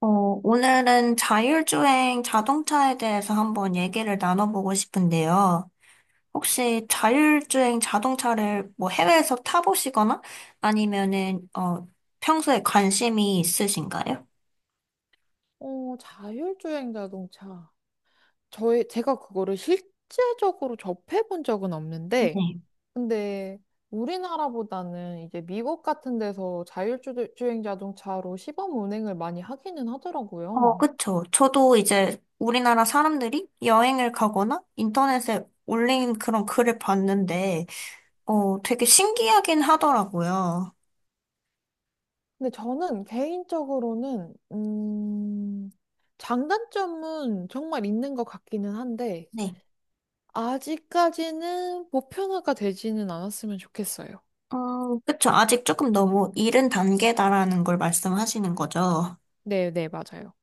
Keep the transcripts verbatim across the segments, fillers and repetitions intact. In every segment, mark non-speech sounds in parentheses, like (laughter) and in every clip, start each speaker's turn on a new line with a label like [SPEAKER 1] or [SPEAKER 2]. [SPEAKER 1] 어, 오늘은 자율주행 자동차에 대해서 한번 얘기를 나눠보고 싶은데요. 혹시 자율주행 자동차를 뭐 해외에서 타보시거나 아니면은, 어, 평소에 관심이 있으신가요?
[SPEAKER 2] 어, 자율주행 자동차. 저의, 제가 그거를 실제적으로 접해본 적은 없는데,
[SPEAKER 1] 네.
[SPEAKER 2] 근데 우리나라보다는 이제 미국 같은 데서 자율주행 자동차로 시범 운행을 많이 하기는
[SPEAKER 1] 어,
[SPEAKER 2] 하더라고요.
[SPEAKER 1] 그쵸. 저도 이제 우리나라 사람들이 여행을 가거나 인터넷에 올린 그런 글을 봤는데, 어, 되게 신기하긴 하더라고요.
[SPEAKER 2] 근데 저는 개인적으로는, 음, 장단점은 정말 있는 것 같기는 한데,
[SPEAKER 1] 네.
[SPEAKER 2] 아직까지는 보편화가 되지는 않았으면 좋겠어요.
[SPEAKER 1] 음, 그쵸. 아직 조금 너무 이른 단계다라는 걸 말씀하시는 거죠.
[SPEAKER 2] 네, 네, 맞아요.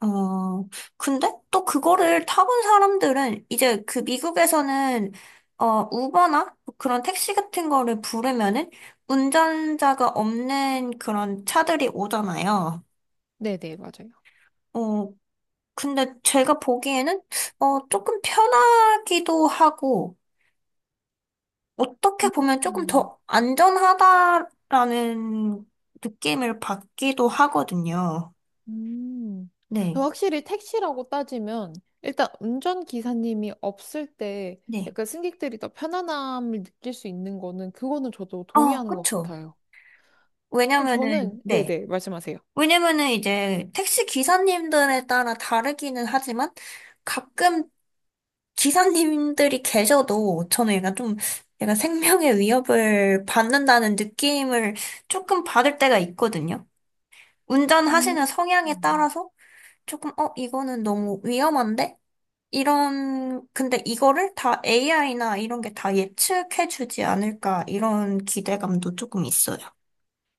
[SPEAKER 1] 어, 근데 또 그거를 타본 사람들은 이제 그 미국에서는 어, 우버나 뭐 그런 택시 같은 거를 부르면은 운전자가 없는 그런 차들이 오잖아요.
[SPEAKER 2] 네, 네, 맞아요.
[SPEAKER 1] 어, 근데 제가 보기에는 어, 조금 편하기도 하고 어떻게 보면 조금
[SPEAKER 2] 음.
[SPEAKER 1] 더 안전하다라는 느낌을 받기도 하거든요.
[SPEAKER 2] 음.
[SPEAKER 1] 네,
[SPEAKER 2] 확실히 택시라고 따지면 일단 운전기사님이 없을 때
[SPEAKER 1] 네.
[SPEAKER 2] 약간 승객들이 더 편안함을 느낄 수 있는 거는 그거는 저도
[SPEAKER 1] 어,
[SPEAKER 2] 동의하는 것
[SPEAKER 1] 그쵸.
[SPEAKER 2] 같아요.
[SPEAKER 1] 왜냐면은,
[SPEAKER 2] 저는
[SPEAKER 1] 네.
[SPEAKER 2] 네네 말씀하세요.
[SPEAKER 1] 왜냐면은 이제 택시 기사님들에 따라 다르기는 하지만 가끔 기사님들이 계셔도 저는 약간 좀 약간 생명의 위협을 받는다는 느낌을 조금 받을 때가 있거든요.
[SPEAKER 2] 음.
[SPEAKER 1] 운전하시는 성향에
[SPEAKER 2] 음.
[SPEAKER 1] 따라서 조금 어 이거는 너무 위험한데? 이런 근데 이거를 다 에이아이나 이런 게 다 예측해 주지 않을까 이런 기대감도 조금 있어요.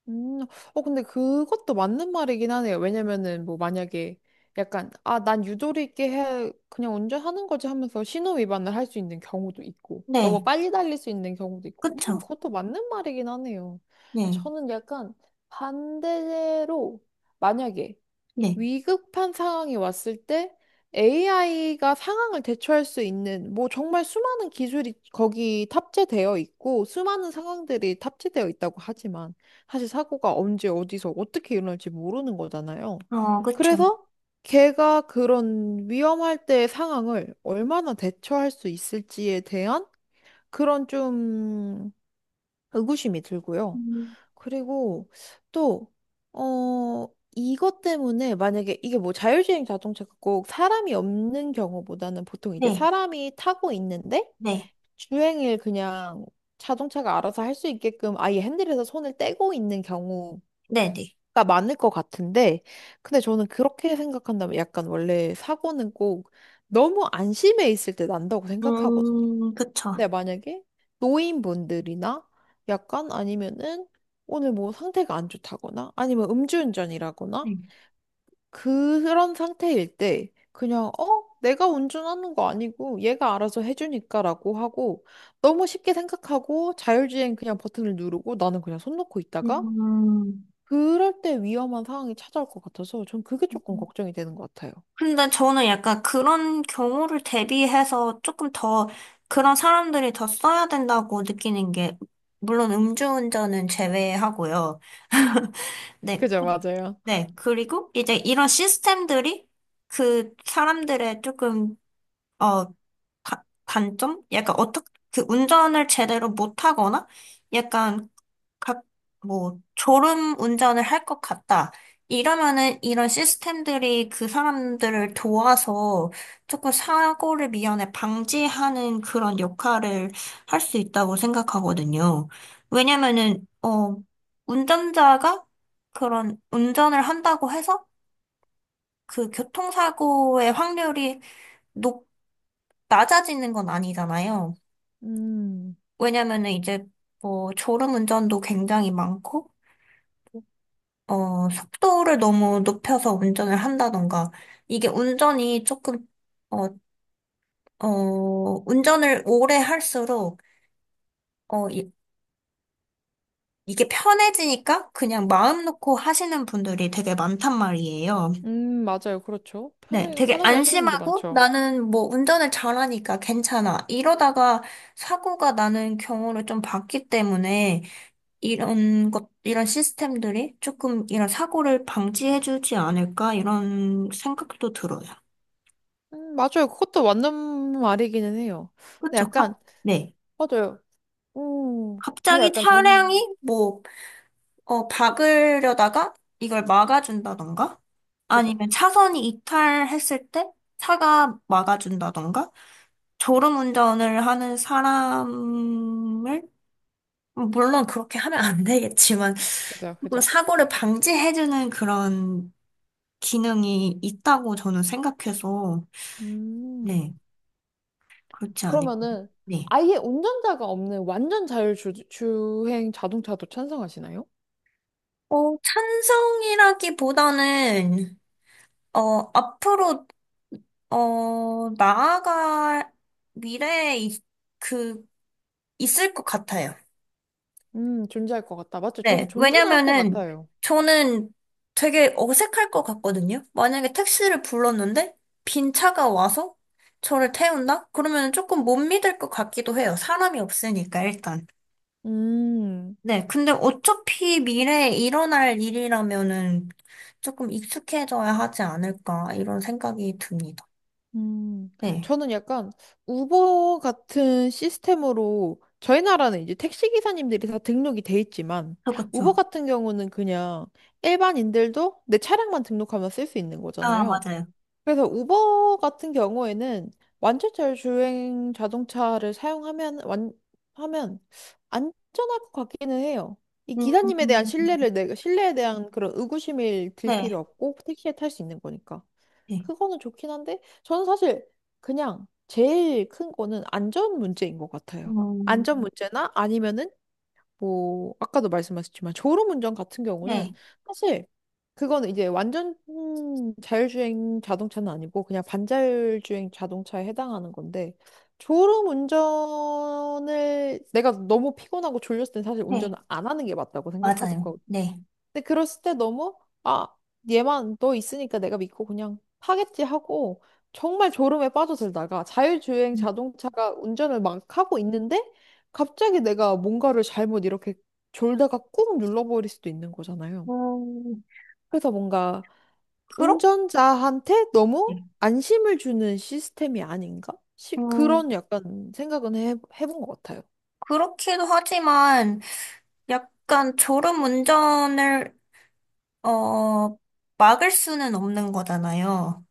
[SPEAKER 2] 음, 어, 근데 그것도 맞는 말이긴 하네요. 왜냐면은, 뭐, 만약에 약간, 아, 난 유도리 있게 해, 그냥 운전하는 거지 하면서 신호 위반을 할 수 있는 경우도 있고, 너무
[SPEAKER 1] 네.
[SPEAKER 2] 빨리 달릴 수 있는 경우도 있고, 음,
[SPEAKER 1] 그쵸.
[SPEAKER 2] 그것도 맞는 말이긴 하네요.
[SPEAKER 1] 네.
[SPEAKER 2] 저는 약간 반대로, 만약에
[SPEAKER 1] 네.
[SPEAKER 2] 위급한 상황이 왔을 때 에이아이가 상황을 대처할 수 있는 뭐 정말 수많은 기술이 거기 탑재되어 있고 수많은 상황들이 탑재되어 있다고 하지만 사실 사고가 언제 어디서 어떻게 일어날지 모르는 거잖아요.
[SPEAKER 1] 어, 그쵸.
[SPEAKER 2] 그래서 걔가 그런 위험할 때의 상황을 얼마나 대처할 수 있을지에 대한 그런 좀 의구심이 들고요.
[SPEAKER 1] 음.
[SPEAKER 2] 그리고 또, 어, 이것 때문에 만약에 이게 뭐 자율주행 자동차가 꼭 사람이 없는 경우보다는 보통 이제
[SPEAKER 1] 네,
[SPEAKER 2] 사람이 타고 있는데
[SPEAKER 1] 네,
[SPEAKER 2] 주행을 그냥 자동차가 알아서 할 수 있게끔 아예 핸들에서 손을 떼고 있는 경우가
[SPEAKER 1] 네, 네.
[SPEAKER 2] 많을 것 같은데 근데 저는 그렇게 생각한다면 약간 원래 사고는 꼭 너무 안심해 있을 때 난다고 생각하거든요.
[SPEAKER 1] 음, 그쵸.
[SPEAKER 2] 네, 만약에 노인분들이나 약간 아니면은 오늘 뭐 상태가 안 좋다거나 아니면 음주운전이라거나
[SPEAKER 1] 네.
[SPEAKER 2] 그런 상태일 때 그냥 어? 내가 운전하는 거 아니고 얘가 알아서 해주니까라고 하고 너무 쉽게 생각하고 자율주행 그냥 버튼을 누르고 나는 그냥 손 놓고 있다가
[SPEAKER 1] 음,
[SPEAKER 2] 그럴 때 위험한 상황이 찾아올 것 같아서 전 그게 조금 걱정이 되는 것 같아요.
[SPEAKER 1] 근데 저는 약간 그런 경우를 대비해서 조금 더 그런 사람들이 더 써야 된다고 느끼는 게, 물론 음주운전은 제외하고요. (laughs) 네,
[SPEAKER 2] 그죠, 맞아요.
[SPEAKER 1] 네. 그리고 이제 이런 시스템들이 그 사람들의 조금, 어, 가- 단점? 약간 어떻게 그 운전을 제대로 못하거나 약간 각 뭐 졸음 운전을 할 것 같다. 이러면은 이런 시스템들이 그 사람들을 도와서 조금 사고를 미연에 방지하는 그런 역할을 할 수 있다고 생각하거든요. 왜냐면은 어 운전자가 그런 운전을 한다고 해서 그 교통사고의 확률이 높 낮아지는 건 아니잖아요.
[SPEAKER 2] 음,
[SPEAKER 1] 왜냐면은 이제 뭐 졸음운전도 굉장히 많고, 어, 속도를 너무 높여서 운전을 한다던가, 이게 운전이 조금, 어, 어, 운전을 오래 할수록, 어, 이, 이게 편해지니까 그냥 마음 놓고 하시는 분들이 되게 많단 말이에요.
[SPEAKER 2] 음, 맞아요. 그렇죠.
[SPEAKER 1] 네,
[SPEAKER 2] 편하게,
[SPEAKER 1] 되게
[SPEAKER 2] 편하게 하시는 분들
[SPEAKER 1] 안심하고
[SPEAKER 2] 많죠.
[SPEAKER 1] 나는 뭐 운전을 잘하니까 괜찮아. 이러다가 사고가 나는 경우를 좀 봤기 때문에, 이런 것, 이런 시스템들이 조금 이런 사고를 방지해주지 않을까, 이런 생각도 들어요.
[SPEAKER 2] 음, 맞아요. 그것도 맞는 말이기는 해요. 근데
[SPEAKER 1] 그쵸? 갑,
[SPEAKER 2] 약간,
[SPEAKER 1] 네.
[SPEAKER 2] 맞아요. 음, 근데
[SPEAKER 1] 갑자기
[SPEAKER 2] 약간
[SPEAKER 1] 차량이
[SPEAKER 2] 전,
[SPEAKER 1] 뭐, 어, 박으려다가 이걸 막아준다던가,
[SPEAKER 2] 그죠.
[SPEAKER 1] 아니면 차선이 이탈했을 때 차가 막아준다던가, 졸음운전을 하는 사람을, 물론 그렇게 하면 안 되겠지만,
[SPEAKER 2] 그죠,
[SPEAKER 1] 뭐
[SPEAKER 2] 그죠.
[SPEAKER 1] 사고를 방지해주는 그런 기능이 있다고 저는 생각해서, 네,
[SPEAKER 2] 음,
[SPEAKER 1] 그렇지 않을까요?
[SPEAKER 2] 그러면은
[SPEAKER 1] 네.
[SPEAKER 2] 아예 운전자가 없는 완전 자율주행 자동차도 찬성하시나요?
[SPEAKER 1] 어, 찬성이라기보다는, 어, 앞으로, 어, 나아갈 미래에 있- 그, 있을 것 같아요.
[SPEAKER 2] 음, 존재할 것 같다. 맞죠? 저도
[SPEAKER 1] 네.
[SPEAKER 2] 존재는 할 것
[SPEAKER 1] 왜냐면은
[SPEAKER 2] 같아요.
[SPEAKER 1] 저는 되게 어색할 것 같거든요. 만약에 택시를 불렀는데 빈 차가 와서 저를 태운다? 그러면 조금 못 믿을 것 같기도 해요. 사람이 없으니까 일단.
[SPEAKER 2] 음.
[SPEAKER 1] 네. 근데 어차피 미래에 일어날 일이라면은 조금 익숙해져야 하지 않을까 이런 생각이 듭니다.
[SPEAKER 2] 음,
[SPEAKER 1] 네.
[SPEAKER 2] 저는 약간 우버 같은 시스템으로 저희 나라는 이제 택시 기사님들이 다 등록이 돼 있지만 우버
[SPEAKER 1] 그렇죠.
[SPEAKER 2] 같은 경우는 그냥 일반인들도 내 차량만 등록하면 쓸 수 있는
[SPEAKER 1] 아,
[SPEAKER 2] 거잖아요.
[SPEAKER 1] 맞아요.
[SPEAKER 2] 그래서 우버 같은 경우에는 완전자율 주행 자동차를 사용하면 완 하면 안전할 것 같기는 해요. 이 기사님에 대한
[SPEAKER 1] 음,
[SPEAKER 2] 신뢰를 내가 신뢰에 대한 그런 의구심을 들
[SPEAKER 1] 네.
[SPEAKER 2] 필요 없고 택시에 탈 수 있는 거니까.
[SPEAKER 1] 네.
[SPEAKER 2] 그거는 좋긴 한데, 저는 사실 그냥 제일 큰 거는 안전 문제인 것 같아요.
[SPEAKER 1] 음,
[SPEAKER 2] 안전 문제나 아니면은 뭐, 아까도 말씀하셨지만 졸음운전 같은 경우는
[SPEAKER 1] 네.
[SPEAKER 2] 사실 그거는 이제 완전 음, 자율주행 자동차는 아니고 그냥 반자율주행 자동차에 해당하는 건데, 졸음운전을 내가 너무 피곤하고 졸렸을 땐 사실
[SPEAKER 1] 네.
[SPEAKER 2] 운전을 안 하는 게 맞다고
[SPEAKER 1] 맞아요.
[SPEAKER 2] 생각하거든요.
[SPEAKER 1] 네.
[SPEAKER 2] 근데 그랬을 때 너무 아 얘만 너 있으니까 내가 믿고 그냥 하겠지 하고 정말 졸음에 빠져들다가 자율주행 자동차가 운전을 막 하고 있는데 갑자기 내가 뭔가를 잘못 이렇게 졸다가 꾹 눌러버릴 수도 있는 거잖아요.
[SPEAKER 1] 음,
[SPEAKER 2] 그래서 뭔가
[SPEAKER 1] 그렇
[SPEAKER 2] 운전자한테 너무 안심을 주는 시스템이 아닌가? 시,
[SPEAKER 1] 음,
[SPEAKER 2] 그런 약간 생각은 해, 해본 것 같아요.
[SPEAKER 1] 그렇기도 하지만 약간 졸음 운전을 어 막을 수는 없는 거잖아요.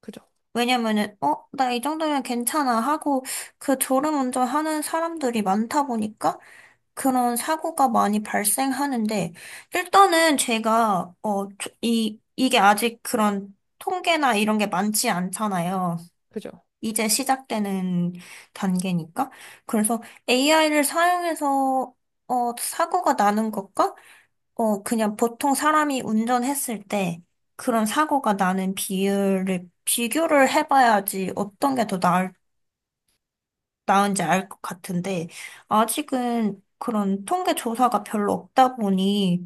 [SPEAKER 2] 그죠?
[SPEAKER 1] 왜냐면은 어, 나 이 정도면 괜찮아 하고 그 졸음 운전하는 사람들이 많다 보니까 그런 사고가 많이 발생하는데 일단은 제가 어 조- 이 이게 아직 그런 통계나 이런 게 많지 않잖아요.
[SPEAKER 2] 그죠?
[SPEAKER 1] 이제 시작되는 단계니까. 그래서 에이아이를 사용해서 어, 사고가 나는 것과 어, 그냥 보통 사람이 운전했을 때 그런 사고가 나는 비율을 비교를 해봐야지 어떤 게 더 나을, 나은지 알 것 같은데 아직은 그런 통계 조사가 별로 없다 보니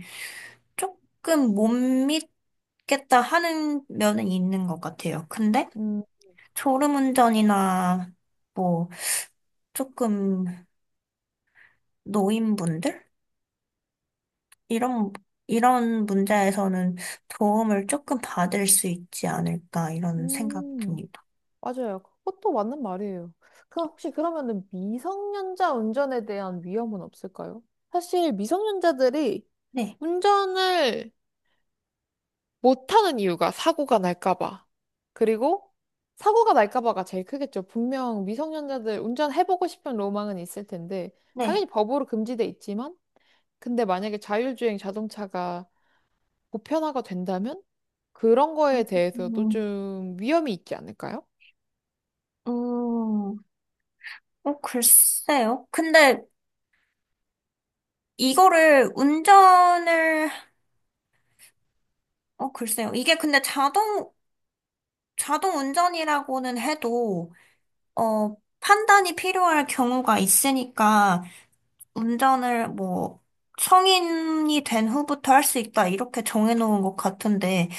[SPEAKER 1] 조금 못 믿겠다 하는 면은 있는 것 같아요. 근데
[SPEAKER 2] 음.
[SPEAKER 1] 졸음운전이나 뭐 조금 노인분들? 이런, 이런 문제에서는 도움을 조금 받을 수 있지 않을까, 이런 생각
[SPEAKER 2] 음.
[SPEAKER 1] 듭니다.
[SPEAKER 2] 맞아요. 그것도 맞는 말이에요. 그 혹시 그러면은 미성년자 운전에 대한 위험은 없을까요? 사실 미성년자들이
[SPEAKER 1] 네,
[SPEAKER 2] 운전을 못하는 이유가 사고가 날까봐. 그리고 사고가 날까봐가 제일 크겠죠. 분명 미성년자들 운전해보고 싶은 로망은 있을 텐데,
[SPEAKER 1] 네.
[SPEAKER 2] 당연히 법으로 금지돼 있지만, 근데 만약에 자율주행 자동차가 보편화가 된다면, 그런 거에 대해서도
[SPEAKER 1] 음,
[SPEAKER 2] 좀 위험이 있지 않을까요?
[SPEAKER 1] 음, 어, 글쎄요. 근데 이거를 운전을, 어, 글쎄요. 이게 근데 자동, 자동 운전이라고는 해도, 어, 판단이 필요할 경우가 있으니까, 운전을 뭐 성인이 된 후부터 할 수 있다 이렇게 정해놓은 것 같은데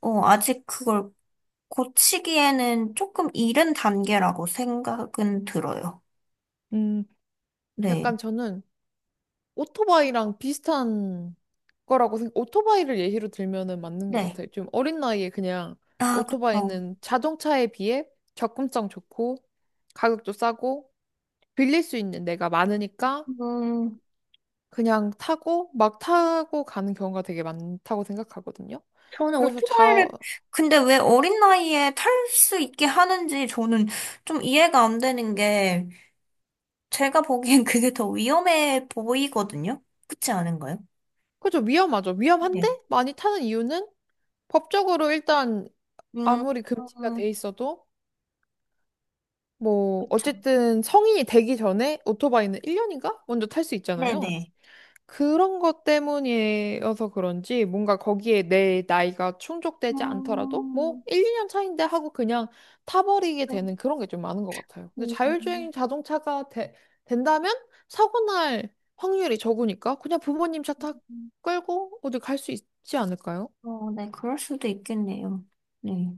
[SPEAKER 1] 어, 아직 그걸 고치기에는 조금 이른 단계라고 생각은 들어요.
[SPEAKER 2] 음,
[SPEAKER 1] 네,
[SPEAKER 2] 약간 저는 오토바이랑 비슷한 거라고 생각, 오토바이를 예시로 들면은 맞는 것
[SPEAKER 1] 네.
[SPEAKER 2] 같아요. 좀 어린 나이에 그냥
[SPEAKER 1] 아, 그쵸.
[SPEAKER 2] 오토바이는 자동차에 비해 접근성 좋고 가격도 싸고 빌릴 수 있는 데가 많으니까
[SPEAKER 1] 음,
[SPEAKER 2] 그냥 타고 막 타고 가는 경우가 되게 많다고 생각하거든요.
[SPEAKER 1] 저는
[SPEAKER 2] 그래서 자,
[SPEAKER 1] 오토바이를 근데 왜 어린 나이에 탈 수 있게 하는지 저는 좀 이해가 안 되는 게 제가 보기엔 그게 더 위험해 보이거든요. 그렇지 않은가요?
[SPEAKER 2] 그죠. 위험하죠. 위험한데
[SPEAKER 1] 네.
[SPEAKER 2] 많이 타는 이유는 법적으로 일단
[SPEAKER 1] 음,
[SPEAKER 2] 아무리 금지가 돼
[SPEAKER 1] 음,
[SPEAKER 2] 있어도 뭐,
[SPEAKER 1] 그쵸.
[SPEAKER 2] 어쨌든 성인이 되기 전에 오토바이는 일 년인가? 먼저 탈 수 있잖아요.
[SPEAKER 1] 네네.
[SPEAKER 2] 그런 것 때문이어서 그런지 뭔가 거기에 내 나이가 충족되지 않더라도 뭐
[SPEAKER 1] 음,
[SPEAKER 2] 일, 이 년 차인데 하고 그냥 타버리게 되는 그런 게 좀 많은 것 같아요. 근데
[SPEAKER 1] 음,
[SPEAKER 2] 자율주행 자동차가 되- 된다면 사고 날 확률이 적으니까 그냥 부모님 차 타 끌고 어디 갈 수 있지 않을까요?
[SPEAKER 1] 어, 네, 그럴 수도 있겠네요. 네.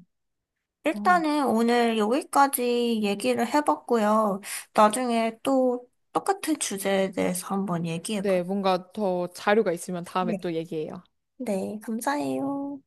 [SPEAKER 2] 어.
[SPEAKER 1] 일단은 오늘 여기까지 얘기를 해봤고요. 나중에 또 똑같은 주제에 대해서 한번 얘기해봐요.
[SPEAKER 2] 네, 뭔가 더 자료가 있으면 다음에
[SPEAKER 1] 네.
[SPEAKER 2] 또 얘기해요.
[SPEAKER 1] 네, 감사해요.